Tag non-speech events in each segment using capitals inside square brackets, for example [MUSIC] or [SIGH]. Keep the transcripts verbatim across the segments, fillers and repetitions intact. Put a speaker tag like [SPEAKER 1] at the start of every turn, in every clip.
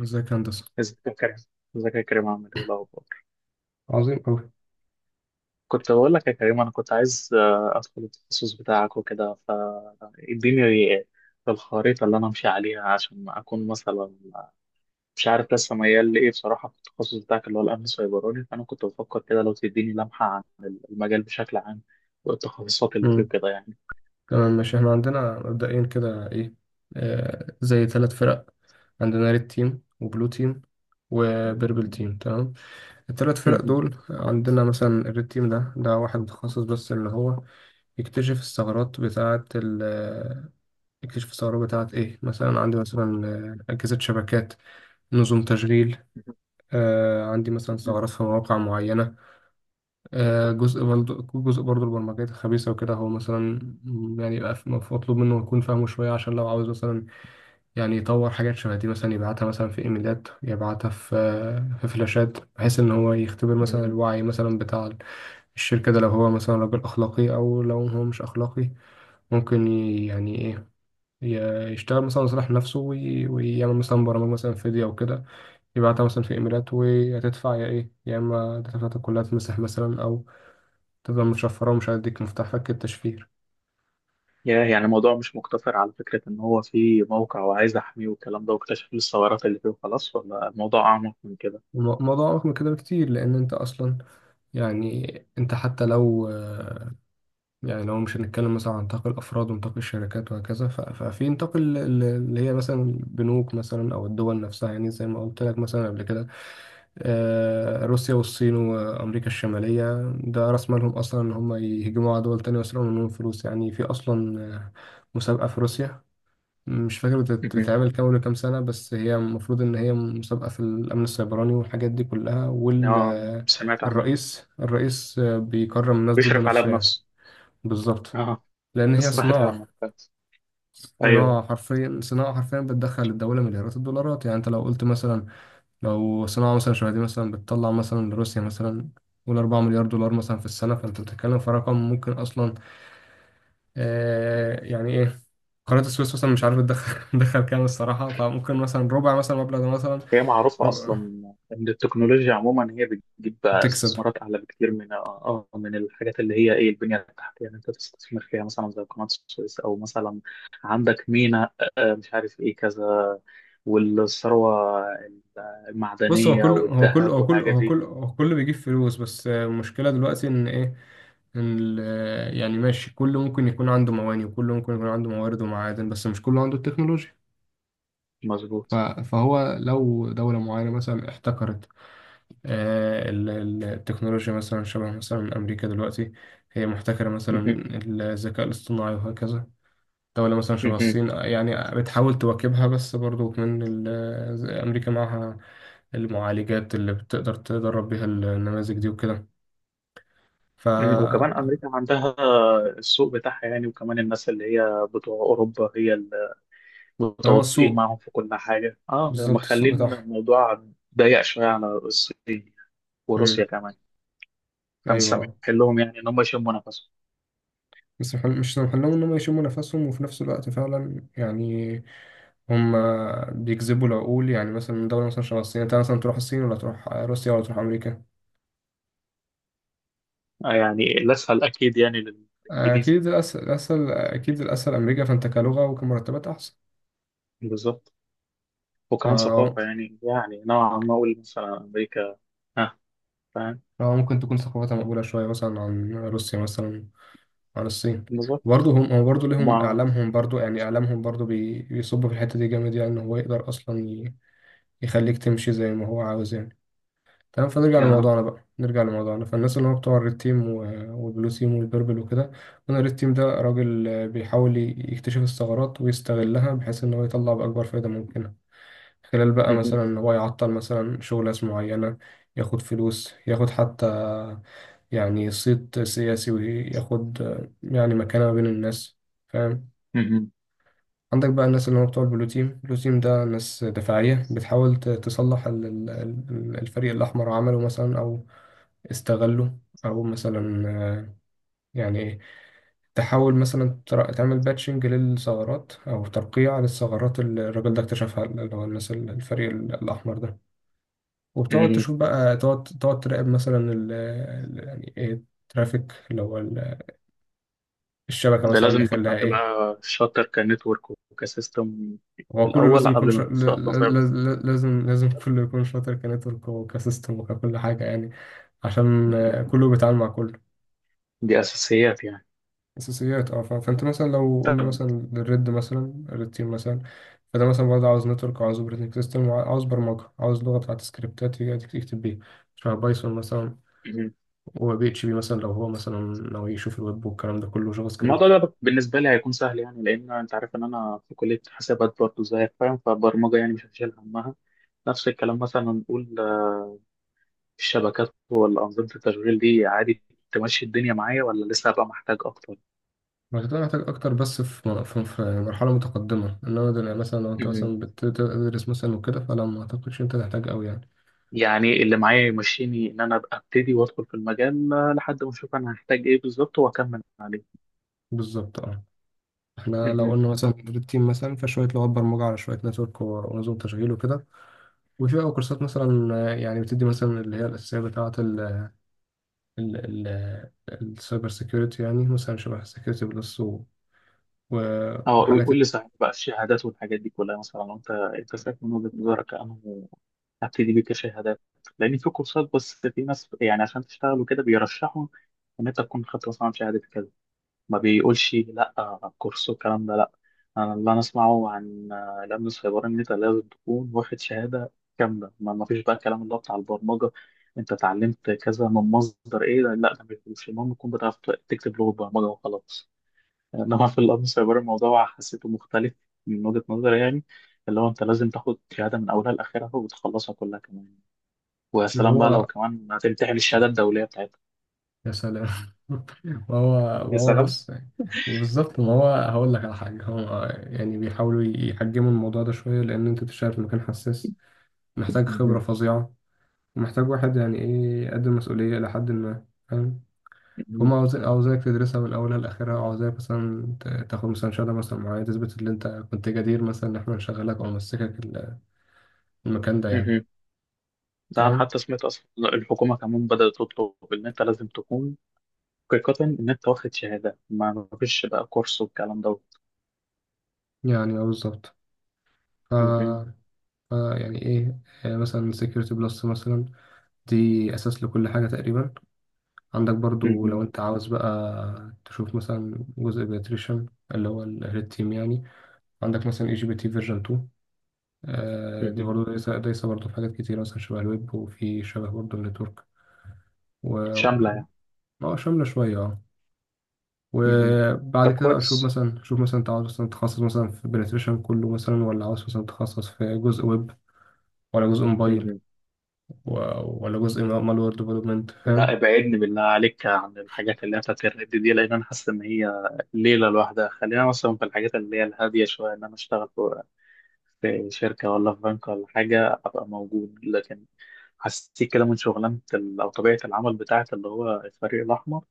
[SPEAKER 1] ازيك يا هندسة.
[SPEAKER 2] ازيك يا كريم ازيك يا كريم، عامل ايه الاخبار؟
[SPEAKER 1] عظيم أوي.
[SPEAKER 2] كنت بقول لك يا كريم، انا كنت عايز آه، ادخل التخصص بتاعك وكده. فاديني الخريطه اللي انا امشي عليها عشان اكون مثلا مش عارف لسه ميال لايه بصراحه في التخصص بتاعك اللي هو الامن السيبراني. فانا كنت بفكر كده، لو تديني لمحه عن المجال بشكل عام، والتخصصات اللي فيه
[SPEAKER 1] مم.
[SPEAKER 2] كده يعني.
[SPEAKER 1] تمام، ماشي. احنا عندنا مبدئيا كده ايه، آه زي ثلاث فرق. عندنا ريد تيم وبلو تيم وبيربل تيم. تمام، الثلاث فرق دول عندنا مثلا الريد تيم ده ده واحد متخصص بس اللي هو يكتشف الثغرات بتاعة ال آه، يكتشف الثغرات بتاعة ايه، مثلا عندي مثلا آه، أجهزة شبكات، نظم تشغيل، آه عندي مثلا ثغرات في مواقع معينة، آه، جزء برضه جزء برضه البرمجيات الخبيثة وكده. هو مثلا يعني يبقى في- مطلوب منه يكون فاهمه شوية، عشان لو عاوز مثلا يعني يطور حاجات شبه دي، مثلا يبعتها مثلا في ايميلات، يبعتها في آه، في فلاشات، بحيث ان هو يختبر مثلا
[SPEAKER 2] [LAUGHS]
[SPEAKER 1] الوعي مثلا بتاع الشركة ده. لو هو مثلا راجل اخلاقي او لو هو مش اخلاقي، ممكن ي- يعني ايه، ي- يشتغل مثلا لصالح نفسه، وي- ويعمل مثلا برامج مثلا فيديو او كده، يبعتها مثلا في ايميلات، وهتدفع يا ايه، يا اما داتا بتاعتك كلها تمسح مثلا، او تفضل مشفرة ومش هيديك مفتاح فك التشفير.
[SPEAKER 2] يا يعني الموضوع مش مقتصر على فكرة إن هو في موقع وعايز أحميه والكلام ده، واكتشف الثغرات اللي فيه وخلاص، ولا الموضوع أعمق من كده؟
[SPEAKER 1] الم- الموضوع أعمق من كده بكتير، لأن أنت أصلا يعني أنت حتى لو آه، يعني لو مش هنتكلم مثلا عن نطاق الأفراد ونطاق الشركات وهكذا، ف- ففي نطاق ال- ال- اللي هي مثلا البنوك مثلا أو الدول نفسها، يعني زي ما قلت لك مثلا قبل كده، آه، روسيا والصين وأمريكا الشمالية ده رأس مالهم أصلا إن هم يهجموا على دول تانية ويسرقوا منهم فلوس. يعني في أصلا آه، مسابقة في روسيا، مش فاكر بتت-
[SPEAKER 2] مهم.
[SPEAKER 1] بتتعمل كام ولا كام سنة، بس هي المفروض إن هي مسابقة في الأمن السيبراني والحاجات دي كلها،
[SPEAKER 2] اه، سمعت عنها.
[SPEAKER 1] والرئيس الرئيس بيكرم الناس دول
[SPEAKER 2] بيشرف عليها
[SPEAKER 1] بنفسه يعني.
[SPEAKER 2] بنفسه.
[SPEAKER 1] بالظبط،
[SPEAKER 2] اه.
[SPEAKER 1] لأن
[SPEAKER 2] [LAUGHS]
[SPEAKER 1] هي
[SPEAKER 2] سمعت عنها
[SPEAKER 1] صناعة،
[SPEAKER 2] بس. ايوه.
[SPEAKER 1] صناعة حرفيا، صناعة حرفيا بتدخل الدولة مليارات الدولارات. يعني أنت لو قلت مثلا لو صناعة مثلا شبه دي مثلا بتطلع مثلا لروسيا مثلا، قول أربعة مليار دولار مثلا في السنة، فأنت بتتكلم في رقم ممكن أصلا آه يعني إيه، قناة السويس مثلا مش عارف تدخل [LAUGHS] تدخل كام الصراحة، فممكن مثلا ربع مثلا المبلغ ده مثلا.
[SPEAKER 2] هي معروفة أصلا،
[SPEAKER 1] ربع
[SPEAKER 2] إن التكنولوجيا عموما هي بتجيب
[SPEAKER 1] تكسب.
[SPEAKER 2] استثمارات أعلى بكتير من آه آه، من الحاجات اللي هي إيه البنية التحتية. يعني أنت تستثمر فيها مثلا زي قناة السويس، أو مثلا عندك ميناء، آه، آه، مش عارف إيه كذا، والثروة
[SPEAKER 1] بص، هو
[SPEAKER 2] المعدنية
[SPEAKER 1] كل هو كل
[SPEAKER 2] والذهب
[SPEAKER 1] هو كل
[SPEAKER 2] والحاجات
[SPEAKER 1] هو
[SPEAKER 2] دي.
[SPEAKER 1] كل هو كل بيجيب فلوس، بس المشكلة دلوقتي إن إيه، إن ال- يعني ماشي، كل ممكن يكون عنده مواني، وكل ممكن يكون عنده موارد ومعادن، بس مش كله عنده التكنولوجيا. ف-
[SPEAKER 2] مظبوط.
[SPEAKER 1] فهو لو دولة معينة مثلا احتكرت آه، ال- ال- التكنولوجيا، مثلا شبه مثلا أمريكا دلوقتي هي محتكرة مثلا
[SPEAKER 2] [LAUGHS]
[SPEAKER 1] الذكاء الاصطناعي وهكذا. دولة مثلا شبه
[SPEAKER 2] مهم.
[SPEAKER 1] الصين يعني بتحاول تواكبها، بس برضو من ال- أمريكا معاها المعالجات اللي بتقدر تدرب بيها النماذج دي وكده. ف
[SPEAKER 2] مم، وكمان أمريكا عندها السوق بتاعها يعني، وكمان الناس اللي هي بتوع أوروبا هي اللي
[SPEAKER 1] فهو
[SPEAKER 2] متواطئين
[SPEAKER 1] السوق،
[SPEAKER 2] معاهم في كل حاجة، اه،
[SPEAKER 1] بالظبط السوق
[SPEAKER 2] مخلين
[SPEAKER 1] بتاعهم.
[SPEAKER 2] الموضوع ضيق شوية على الصين وروسيا
[SPEAKER 1] مم.
[SPEAKER 2] كمان.
[SPEAKER 1] أيوة،
[SPEAKER 2] فمسامحين لهم يعني إن هم يشموا نفسهم.
[SPEAKER 1] بس مح- مش سامح لهم إنهم يشموا نفسهم، وفي نفس الوقت فعلا يعني هم بيجذبوا العقول. يعني مثلا دولة مثلا شبه الصين، أنت مثلا تروح الصين ولا تروح روسيا ولا تروح أمريكا؟
[SPEAKER 2] آه، يعني الأسهل أكيد يعني للإنجليزي.
[SPEAKER 1] أكيد الأسهل، الأسهل أكيد الأسهل أمريكا. فأنت كلغة وكمرتبات أحسن.
[SPEAKER 2] بالظبط، وكمان ثقافة،
[SPEAKER 1] ف-
[SPEAKER 2] يعني يعني نوعا ما أقول مثلا أمريكا. ها. فاهم.
[SPEAKER 1] اه، ممكن تكون ثقافتها مقبولة شوية مثلا عن روسيا مثلا، عن الصين.
[SPEAKER 2] بالظبط.
[SPEAKER 1] برضه هم، هو برضه ليهم
[SPEAKER 2] ومع...
[SPEAKER 1] إعلامهم برضه، يعني إعلامهم برضه بي- بيصب في الحتة دي جامد، يعني إن هو يقدر أصلا ي- يخليك تمشي زي ما هو عاوز يعني. تمام، فنرجع
[SPEAKER 2] آه.
[SPEAKER 1] لموضوعنا بقى، نرجع لموضوعنا. فالناس اللي هو بتوع الريد تيم و- والبلو تيم والبيربل وكده، أنا الريد تيم ده راجل آه، بيحاول ي- يكتشف الثغرات ويستغلها، بحيث إن هو يطلع بأكبر فايدة ممكنة، خلال بقى
[SPEAKER 2] مهم.
[SPEAKER 1] مثلا إن هو يعطل مثلا شغل ناس معينة، ياخد فلوس، ياخد حتى يعني صيت سياسي، وياخد آه، يعني مكانة ما بين الناس، فاهم. عندك بقى الناس اللي هم بتوع البلو تيم. البلو تيم ده ناس دفاعية بتحاول ت- تصلح ال- ال- ال- الفريق الأحمر عمله مثلا أو استغله، أو مثلا آه، يعني إيه، تحاول مثلا تر- تعمل باتشنج للثغرات أو ترقيع للثغرات اللي الراجل ده اكتشفها، اللي هو الناس ال- الفريق ال- الأحمر ده. وبتقعد
[SPEAKER 2] مهم.
[SPEAKER 1] تشوف بقى، تقعد تقعد تراقب مثلا ال ال- يعني إيه الترافيك اللي هو الشبكة
[SPEAKER 2] ده
[SPEAKER 1] مثلا
[SPEAKER 2] لازم يكون
[SPEAKER 1] داخل
[SPEAKER 2] حد
[SPEAKER 1] لها إيه.
[SPEAKER 2] بقى شاطر كنتورك وكسيستم في
[SPEAKER 1] هو كله
[SPEAKER 2] الأول
[SPEAKER 1] لازم يكون
[SPEAKER 2] قبل ما
[SPEAKER 1] شا... ل-
[SPEAKER 2] تخش أصلا سايبر.
[SPEAKER 1] ل- ل- لازم لازم كله يكون شاطر كنتورك وكسيستم وككل حاجة يعني، عشان
[SPEAKER 2] مهم.
[SPEAKER 1] آه، كله بيتعامل مع كله.
[SPEAKER 2] دي أساسيات يعني.
[SPEAKER 1] أساسيات، اه. ف- فأنت مثلا لو قلنا
[SPEAKER 2] طب.
[SPEAKER 1] مثلا الريد مثلا الريد تيم مثلا، فده مثلا برضه عاوز نتورك، وعاوز اوبريتنج سيستم، وعاوز برمجة، عاوز لغة بتاعت سكريبتات يجي يكتب بيها، شبه بايثون مثلا،
[SPEAKER 2] مهم.
[SPEAKER 1] و بي اتش بي مثلا لو هو مثلا ناوي يشوف الويب، والكلام ده كله جافا
[SPEAKER 2] الموضوع
[SPEAKER 1] سكريبت.
[SPEAKER 2] ده بالنسبة لي هيكون سهل، يعني لأن أنت عارف إن أنا في كلية حسابات برضه زيك، فاهم. فالبرمجة يعني مش هشيل همها. نفس الكلام مثلا، نقول آه، الشبكات ولا أنظمة التشغيل دي عادي تمشي الدنيا معايا، ولا لسه هبقى محتاج أكتر؟
[SPEAKER 1] هتبقى محتاج أكتر، بس في م- في في مرحلة متقدمة. إنما دل- مثلا لو أنت
[SPEAKER 2] مهم.
[SPEAKER 1] مثلا بتدرس مثلا وكده فلا، ما أعتقدش أنت تحتاج أوي يعني.
[SPEAKER 2] يعني اللي معايا يمشيني، إن أنا أبقى أبتدي وأدخل في المجال، آه، لحد ما أشوف أنا هحتاج إيه بالظبط وأكمل عليه.
[SPEAKER 1] بالظبط، أه. إحنا لو
[SPEAKER 2] مهم.
[SPEAKER 1] قلنا مثلا تدريب تيم مثلا، فشوية لغات برمجة، على شوية نتورك و- ونظم تشغيل وكده. وفي بقى كورسات مثلا آه، يعني بتدي مثلا اللي هي الأساسية بتاعة ال ال ال السايبر سيكيورتي، يعني مثلا شبه سيكيورتي بلس و- و-
[SPEAKER 2] اه، قول
[SPEAKER 1] وحاجات.
[SPEAKER 2] قول لي صحيح بقى، الشهادات والحاجات دي كلها، مثلا انت انت شايف من وجهة نظرك انه ابتدي بيه كشهادات، لان في كورسات. بس في ناس يعني عشان تشتغل وكده بيرشحوا ان انت تكون خدت مثلا شهاده كده، ما بيقولش لا كورس والكلام ده لا. انا اللي انا اسمعه عن آه، الامن السيبراني، ان انت لازم تكون واخد شهاده كامله. ما ما فيش بقى الكلام اللي هو بتاع البرمجه، انت اتعلمت كذا من مصدر ايه. لا ده مش مش المهم تكون بتعرف تكتب لغه برمجه وخلاص. انما في الامن سايبر الموضوع حسيته مختلف من وجهة نظري يعني، اللي هو انت لازم تاخد شهاده من اولها لاخرها وتخلصها كلها كمان، ويا
[SPEAKER 1] اللي
[SPEAKER 2] سلام بقى لو
[SPEAKER 1] هو
[SPEAKER 2] كمان هتمتحن الشهاده الدوليه بتاعتها.
[SPEAKER 1] يا سلام [LAUGHS] وهو
[SPEAKER 2] يا
[SPEAKER 1] وهو
[SPEAKER 2] سلام.
[SPEAKER 1] بص، وبالظبط. ما هو هقول لك على حاجة، هو يعني بيحاولوا يحجموا الموضوع ده شوية، لأن أنت بتشتغل في مكان حساس، محتاج خبرة
[SPEAKER 2] مهم.
[SPEAKER 1] فظيعة، ومحتاج واحد يعني إيه، يقدم مسؤولية إلى حد ما، فاهم. فهم
[SPEAKER 2] مهم.
[SPEAKER 1] عاوزين، عاوزاك تدرسها من أولها لآخرها، وعاوزاك مثلا ت- تاخد مثلا شهادة مثلا معينة تثبت إن أنت كنت جدير مثلا إن إحنا نشغلك أو نمسكك ال- المكان ده يعني.
[SPEAKER 2] مهم. ده انا
[SPEAKER 1] تمام،
[SPEAKER 2] حتى سمعت اصلا الحكومه كمان بدات تطلب ان انت لازم تكون حقيقه ان انت واخد شهاده. ما ما فيش بقى كورس والكلام دوت.
[SPEAKER 1] يعني أه، بالظبط. ف...
[SPEAKER 2] مهم.
[SPEAKER 1] ف يعني إيه، آه، مثلا سكيورتي بلس مثلا، دي أساس لكل حاجة تقريبا. عندك برضو لو
[SPEAKER 2] مهم.
[SPEAKER 1] أنت عاوز بقى تشوف مثلا جزء بيتريشن، اللي هو الريد تيم يعني، عندك مثلا اي جي بي تي فيرجن اتنين. آه، دي
[SPEAKER 2] مهم.
[SPEAKER 1] برضو دايسة دايسة برضو في حاجات كتير، مثلا شبه الويب، وفي شبه برضو النتورك و
[SPEAKER 2] شامله
[SPEAKER 1] و-
[SPEAKER 2] يعني.
[SPEAKER 1] اه، شاملة شوية اه.
[SPEAKER 2] مهم. ده
[SPEAKER 1] وبعد كده
[SPEAKER 2] كويس.
[SPEAKER 1] أشوف مثلا، شوف مثلا أنت عاوز مثلا تتخصص مثلا في بنتريشن كله مثلا، ولا عاوز مثلا تتخصص في جزء ويب، ولا جزء موبايل،
[SPEAKER 2] مهم.
[SPEAKER 1] و- ولا جزء مالوير ديفلوبمنت،
[SPEAKER 2] لا،
[SPEAKER 1] فاهم.
[SPEAKER 2] ابعدني بالله عليك عن الحاجات اللي هي بتاعت الرد دي، لان انا حاسس ان هي ليله لوحدها. خلينا مثلا في الحاجات اللي هي الهاديه شويه، ان انا اشتغل في في شركه ولا في بنك ولا حاجه ابقى موجود. لكن حسيت كده من شغلانه ال- او طبيعه العمل بتاعت اللي هو الفريق الاحمر،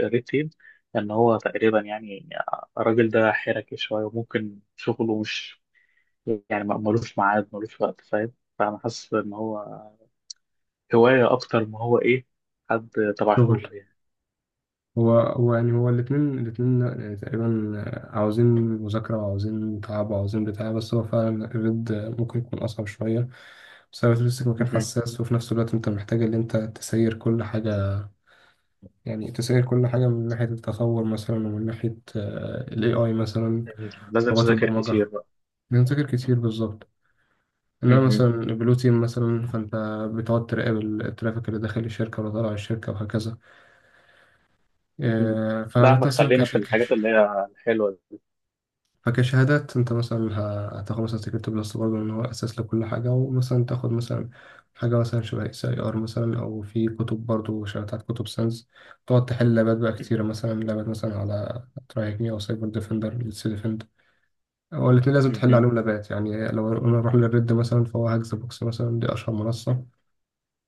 [SPEAKER 2] الريد تيم، ان هو تقريبا يعني الراجل ده حركي شويه، وممكن شغله مش يعني ما- ملوش ميعاد، ملوش وقت، فاهم. فانا حاسس ان هو هوايه اكتر ما هو ايه، حد تبع
[SPEAKER 1] شغل،
[SPEAKER 2] شغل يعني.
[SPEAKER 1] هو هو يعني هو الاتنين، الاتنين يعني تقريبا عاوزين مذاكرة، وعاوزين تعب، وعاوزين بتاع، بس هو فعلا الرد ممكن يكون أصعب شوية، بسبب تمسك مكان
[SPEAKER 2] مهم.
[SPEAKER 1] حساس، وفي نفس الوقت أنت محتاج إن أنت تسير كل حاجة، يعني تسير كل حاجة من ناحية التطور مثلا، ومن ناحية آه، ال إيه آي مثلا،
[SPEAKER 2] مهم. لازم
[SPEAKER 1] لغات
[SPEAKER 2] تذاكر
[SPEAKER 1] البرمجة.
[SPEAKER 2] كتير بقى.
[SPEAKER 1] بنذاكر كتير بالظبط. إنما مثلا
[SPEAKER 2] مهم.
[SPEAKER 1] البلو تيم مثلا، فأنت بتقعد تراقب الترافيك اللي داخل الشركة ولا طالع الشركة وهكذا.
[SPEAKER 2] مهم.
[SPEAKER 1] آه،
[SPEAKER 2] لا، ما
[SPEAKER 1] فأنت مثلا
[SPEAKER 2] خلينا في
[SPEAKER 1] كشركة،
[SPEAKER 2] الحاجات اللي هي الحلوة دي.
[SPEAKER 1] فكشهادات انت مثلا ه- هتاخد مثلا سكيورتي بلس برضه، ان هو اساس لكل حاجه، ومثلا تاخد مثلا حاجه مثلا شبه اس اي ار مثلا، او في كتب برضه شبه بتاعت كتب ساينس. تقعد تحل لابات بقى
[SPEAKER 2] مهم.
[SPEAKER 1] كتيره، مثلا لابات مثلا على ترايك مي او سايبر ديفندر ليتس ديفند. هو الاتنين لازم تحل
[SPEAKER 2] مهم.
[SPEAKER 1] عليهم لابات، يعني لو انا اروح للريد مثلا، فهو هاكس بوكس مثلا، دي اشهر منصه،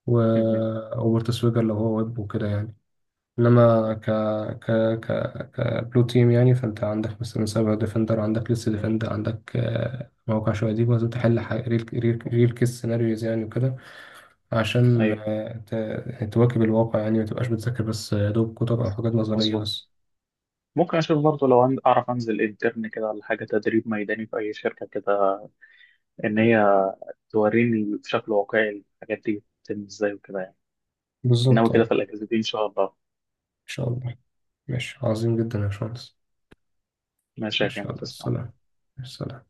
[SPEAKER 1] و
[SPEAKER 2] مهم.
[SPEAKER 1] اوبرت سويجر لو هو ويب وكده يعني. انما ك ك ك كبلو تيم يعني، فانت عندك مثلا سايبر ديفندر، عندك لسه ديفندر، عندك آه، موقع شويه دي، لازم تحل ح- ريل ريل ريل كيس سيناريوز يعني وكده، عشان
[SPEAKER 2] أيوة.
[SPEAKER 1] آه، ت- يعني تواكب الواقع يعني، ما تبقاش بتذاكر بس يا دوب كتب او حاجات نظريه
[SPEAKER 2] مظبوط.
[SPEAKER 1] بس.
[SPEAKER 2] ممكن أشوف برضه لو عن- أعرف أنزل انترن كده، ولا حاجة تدريب ميداني في أي شركة كده، إن هي توريني بشكل واقعي الحاجات دي بتتم إزاي وكده يعني. إنما
[SPEAKER 1] بالظبط، اه.
[SPEAKER 2] كده في
[SPEAKER 1] ان
[SPEAKER 2] الأجازة دي إن شاء الله.
[SPEAKER 1] شاء الله. ماشي، عظيم جدا يا باشمهندس.
[SPEAKER 2] ماشي يا
[SPEAKER 1] ماشي،
[SPEAKER 2] كريم،
[SPEAKER 1] يلا
[SPEAKER 2] تسلم.
[SPEAKER 1] السلام. السلام.